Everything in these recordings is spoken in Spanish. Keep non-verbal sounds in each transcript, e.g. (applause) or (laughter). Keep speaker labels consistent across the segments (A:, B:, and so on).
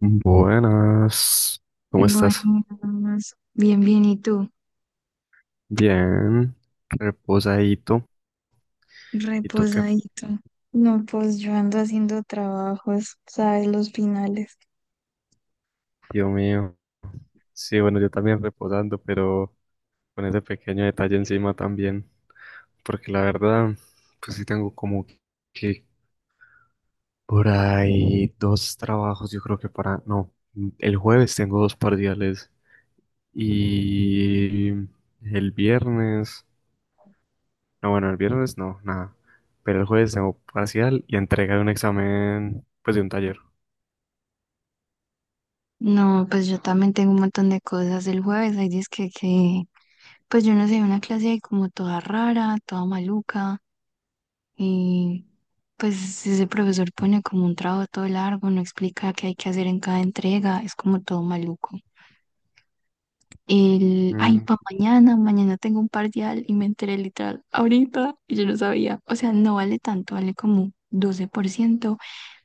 A: Buenas, ¿cómo
B: Bueno,
A: estás?
B: pues, bien, bien, ¿y tú?
A: Bien, reposadito. ¿Y tú qué?
B: Reposadito. No, pues yo ando haciendo trabajos, ¿sabes? Los finales.
A: Dios mío. Sí, bueno, yo también reposando, pero con ese pequeño detalle encima también, porque la verdad, pues sí tengo como que por ahí dos trabajos, yo creo que para, no, el jueves tengo dos parciales y el viernes. No, bueno, el viernes no, nada. Pero el jueves tengo parcial y entrega de un examen, pues de un taller.
B: No, pues yo también tengo un montón de cosas. El jueves hay disque que, pues yo no sé, una clase ahí como toda rara, toda maluca. Y pues ese profesor pone como un trabajo todo largo, no explica qué hay que hacer en cada entrega, es como todo maluco. El, ay,
A: Mm,
B: pa' mañana, mañana tengo un parcial y me enteré literal ahorita y yo no sabía. O sea, no vale tanto, vale como 12%,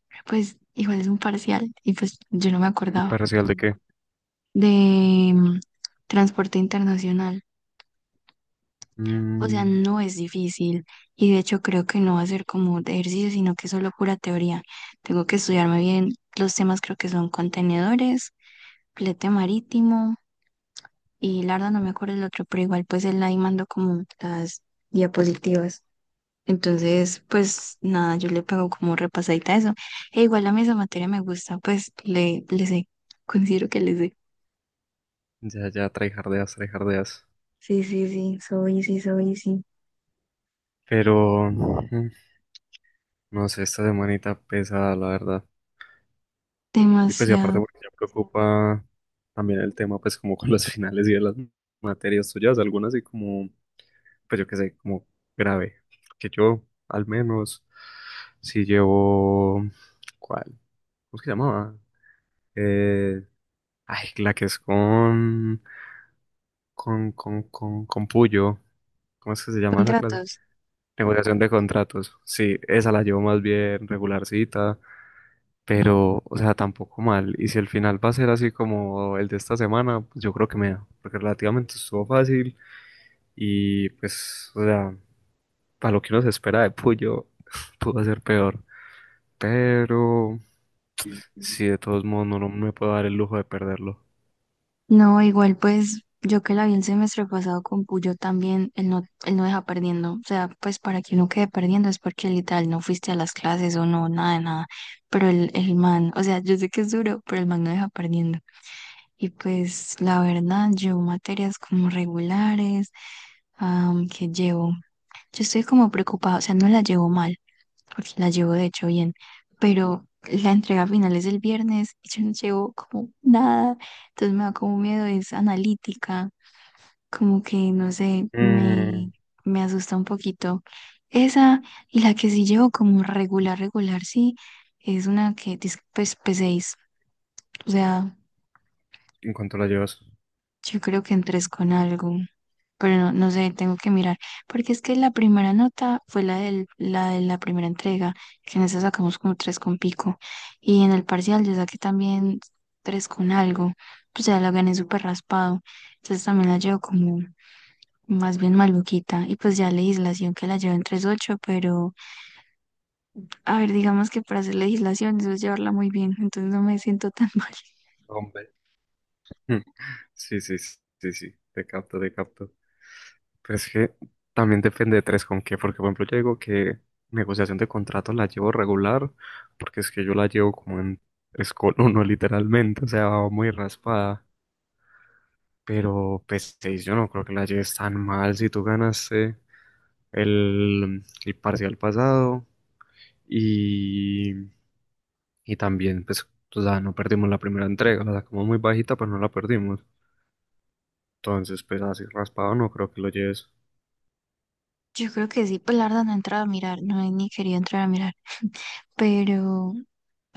B: pero pues igual es un parcial y pues yo no me
A: ¿y
B: acordaba.
A: parcial de qué?
B: De mm, transporte internacional. O sea,
A: Mm,
B: no es difícil y de hecho creo que no va a ser como de ejercicio, sino que solo pura teoría. Tengo que estudiarme bien los temas, creo que son contenedores, flete marítimo. Y la verdad no me acuerdo el otro, pero igual pues él ahí mandó como las diapositivas. Entonces, pues nada, yo le pego como repasadita a eso. E igual a mí esa materia me gusta, pues le sé, considero que le sé.
A: ya, ya, tryhardeas, tryhardeas.
B: Sí, sí, sí, soy, sí, soy, sí.
A: Pero, no sé, esta semanita pesa, la verdad. Y pues, y aparte,
B: Demasiado.
A: porque me preocupa también el tema, pues, como con los (laughs) finales y de las materias tuyas, algunas y como, pues yo qué sé, como grave. Que yo, al menos, si llevo, ¿cuál? ¿Cómo es que se llamaba? Eh, Ay, la que es con, con Puyo. ¿Cómo es que se llama esa clase?
B: Contratos.
A: Negociación de contratos. Sí, esa la llevo más bien regularcita, pero, o sea, tampoco mal. Y si el final va a ser así como el de esta semana, pues yo creo que me da, porque relativamente estuvo fácil y pues, o sea, para lo que uno se espera de Puyo, (laughs) pudo ser peor. Pero, sí, de todos modos, no, no me puedo dar el lujo de perderlo.
B: No, igual pues yo que la vi el semestre pasado con Puyo también, él no deja perdiendo. O sea, pues para que no quede perdiendo es porque literal no fuiste a las clases o no, nada de nada. Pero el man, o sea, yo sé que es duro, pero el man no deja perdiendo. Y pues la verdad, llevo materias como regulares, que llevo yo estoy como preocupada, o sea, no la llevo mal, porque la llevo de hecho bien, pero la entrega final es el viernes y yo no llevo como nada, entonces me da como miedo, es analítica, como que no sé, me,
A: Mm,
B: me asusta un poquito. Esa y la que sí llevo como regular, regular, sí, es una que dice pues P6 o sea,
A: ¿en cuanto la llevas?
B: yo creo que en 3 con algo. Pero no, no sé, tengo que mirar, porque es que la primera nota fue la del, la de la primera entrega, que en esa sacamos como 3 con pico, y en el parcial yo saqué también 3 con algo, pues ya la gané súper raspado, entonces también la llevo como más bien maluquita, y pues ya legislación que la llevo en 3.8, pero a ver, digamos que para hacer legislación eso es llevarla muy bien, entonces no me siento tan (laughs) mal.
A: Hombre. Sí, sí, sí, sí, sí, te capto, te capto. Pero es que también depende de tres con qué, porque por ejemplo yo digo que negociación de contrato la llevo regular, porque es que yo la llevo como en escol (laughs) uno literalmente, o sea, va muy raspada. Pero P6 yo no creo que la lleves tan mal si tú ganaste el parcial pasado y, y también pues, o sea, no perdimos la primera entrega, la sacamos muy bajita, pero no la perdimos. Entonces, pues así raspado no creo que lo lleves.
B: Yo creo que sí, pues la verdad no he entrado a mirar, no he ni querido entrar a mirar, pero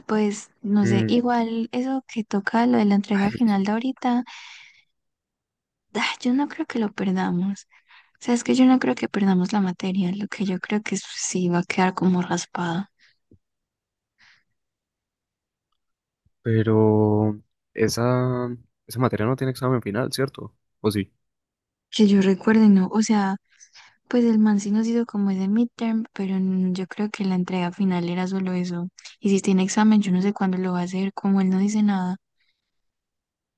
B: pues no sé,
A: Mm.
B: igual eso que toca lo de la entrega
A: Ay,
B: final
A: qué-
B: de ahorita, ah, yo no creo que lo perdamos. O sea, es que yo no creo que perdamos la materia, lo que yo creo que sí va a quedar como raspada.
A: pero esa, esa materia no tiene examen final, ¿cierto? O sí.
B: Que yo recuerde, no, o sea, pues el man sí nos hizo como ese midterm, pero yo creo que la entrega final era solo eso. Y si tiene examen, yo no sé cuándo lo va a hacer, como él no dice nada.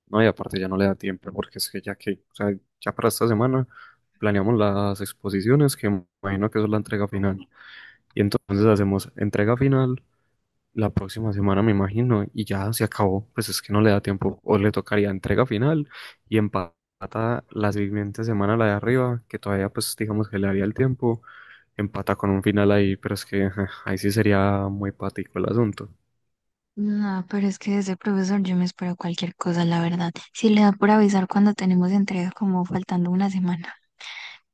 A: No, y aparte ya no le da tiempo, porque es que ya que, o sea, ya para esta semana planeamos las exposiciones, que me imagino que eso es la entrega final. Y entonces hacemos entrega final la próxima semana, me imagino, y ya se acabó. Pues es que no le da tiempo. O le tocaría entrega final y empata la siguiente semana la de arriba, que todavía, pues digamos que le daría el tiempo. Empata con un final ahí, pero es que ajá, ahí sí sería muy patico el asunto.
B: No, pero es que de ese profesor yo me espero cualquier cosa, la verdad. Si le da por avisar cuando tenemos entrega, como faltando una semana.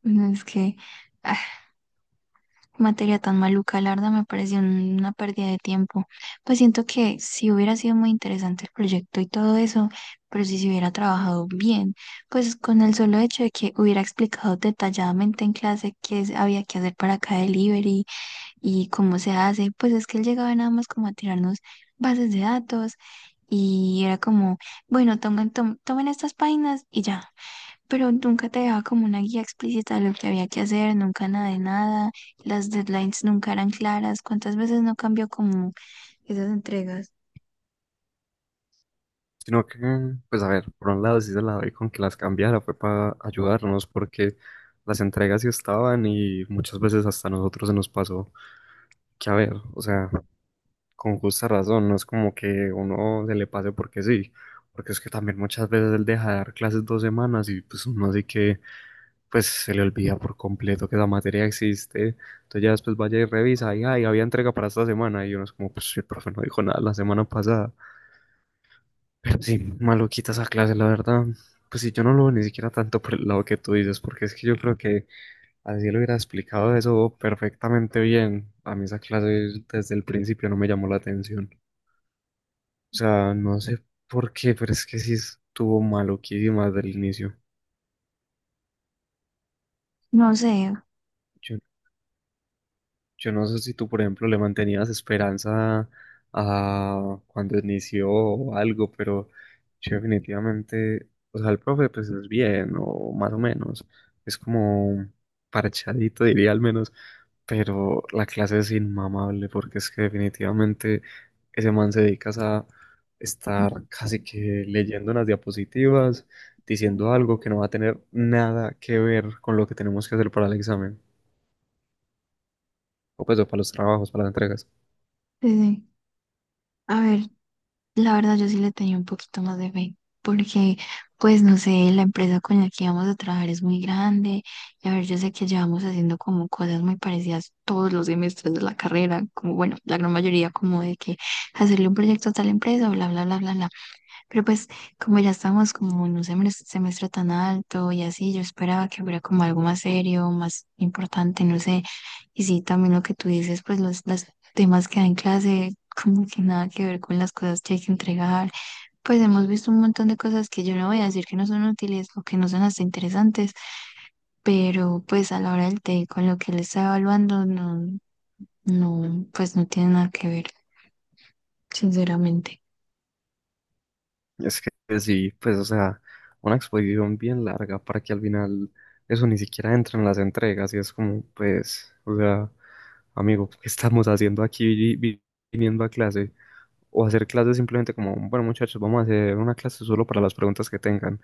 B: No, es que ah, materia tan maluca, la verdad me pareció una pérdida de tiempo. Pues siento que si hubiera sido muy interesante el proyecto y todo eso, pero si se hubiera trabajado bien, pues con el solo hecho de que hubiera explicado detalladamente en clase había que hacer para cada delivery y cómo se hace, pues es que él llegaba nada más como a tirarnos bases de datos y era como, bueno, tomen, tomen estas páginas y ya. Pero nunca te dejaba como una guía explícita de lo que había que hacer, nunca nada de nada, las deadlines nunca eran claras, ¿cuántas veces no cambió como esas entregas?
A: Sino que, pues a ver, por un lado sí se la doy con que las cambiara, fue para ayudarnos, porque las entregas sí estaban y muchas veces hasta a nosotros se nos pasó que, a ver, o sea, con justa razón, no es como que uno se le pase porque sí, porque es que también muchas veces él deja de dar clases dos semanas y pues uno así que pues se le olvida por completo que esa materia existe. Entonces ya después vaya y revisa, y ay, había entrega para esta semana. Y uno es como, pues si el profe no dijo nada la semana pasada. Pero sí, maluquita esa clase, la verdad. Pues sí, yo no lo veo ni siquiera tanto por el lado que tú dices, porque es que yo creo que así lo hubiera explicado eso perfectamente bien. A mí esa clase desde el principio no me llamó la atención. O sea, no sé por qué, pero es que sí estuvo maluquísima desde el inicio.
B: No sé.
A: Yo Yo no sé si tú, por ejemplo, le mantenías esperanza a cuando inició o algo, pero yo definitivamente, o sea, el profe pues es bien, o más o menos, es como parchadito, diría al menos, pero la clase es inmamable porque es que definitivamente ese man se dedica a estar
B: Sí,
A: casi que leyendo unas diapositivas, diciendo algo que no va a tener nada que ver con lo que tenemos que hacer para el examen, o pues o para los trabajos, para las entregas.
B: sí. A ver, la verdad yo sí le tenía un poquito más de fe, porque pues no sé, la empresa con la que íbamos a trabajar es muy grande, y a ver, yo sé que llevamos haciendo como cosas muy parecidas todos los semestres de la carrera, como bueno, la gran mayoría como de que hacerle un proyecto a tal empresa, bla, bla, bla, bla, bla. Pero pues como ya estamos como en un semestre, semestre tan alto y así, yo esperaba que hubiera como algo más serio, más importante, no sé. Y sí, también lo que tú dices, pues los temas que da en clase, como que nada que ver con las cosas que hay que entregar. Pues hemos visto un montón de cosas que yo no voy a decir que no son útiles o que no son hasta interesantes, pero pues a la hora del té, con lo que él está evaluando, no, no, pues no tiene nada que ver, sinceramente.
A: Es que sí, pues, o sea, una exposición bien larga para que al final eso ni siquiera entre en las entregas y es como, pues, o sea, amigo, ¿qué estamos haciendo aquí viniendo a clase? O hacer clases simplemente como, bueno, muchachos, vamos a hacer una clase solo para las preguntas que tengan.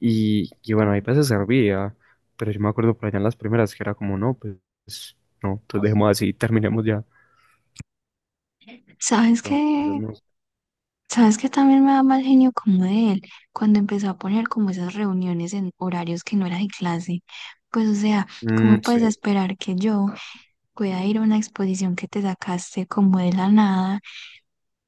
A: Y bueno, ahí veces servía, pero yo me acuerdo por allá en las primeras que era como, no, pues, no, entonces dejemos así, terminemos ya.
B: ¿Sabes
A: Entonces,
B: qué?
A: no sé.
B: ¿Sabes que también me da mal genio como de él? Cuando empezó a poner como esas reuniones en horarios que no era de clase. Pues o sea,
A: Mm,
B: ¿cómo
A: sí,
B: puedes esperar que yo pueda ir a una exposición que te sacaste como de la nada?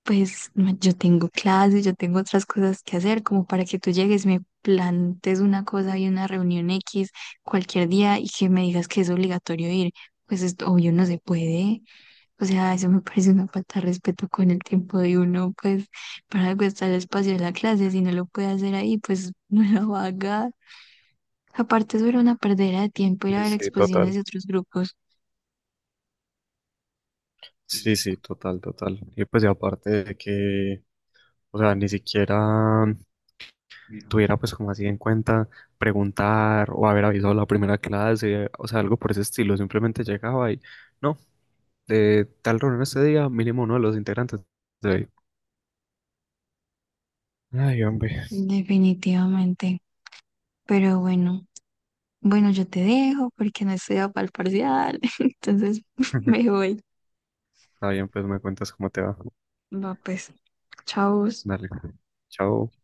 B: Pues no, yo tengo clases, yo tengo otras cosas que hacer, como para que tú llegues, me plantes una cosa y una reunión X cualquier día y que me digas que es obligatorio ir. Pues es obvio, no se puede. O sea, eso me parece una falta de respeto con el tiempo de uno, pues para algo está el espacio de la clase, si no lo puede hacer ahí, pues (laughs) no lo va a haga. Aparte, eso era una perdera de tiempo ir a
A: sí,
B: ver
A: sí,
B: exposiciones
A: total.
B: de otros grupos,
A: Sí, sí, total, total. Y pues y aparte de que, o sea, ni siquiera tuviera pues como así en cuenta preguntar o haber avisado la primera clase, o sea, algo por ese estilo, simplemente llegaba y, no, de tal reunión este día, mínimo uno de los integrantes. De ahí". Ay, hombre.
B: definitivamente. Pero bueno, bueno, yo te dejo porque no estoy para el parcial, (laughs) entonces (laughs) me
A: (laughs)
B: voy.
A: Está bien, pues me cuentas cómo te va.
B: Va, pues, chao.
A: Dale. Chao.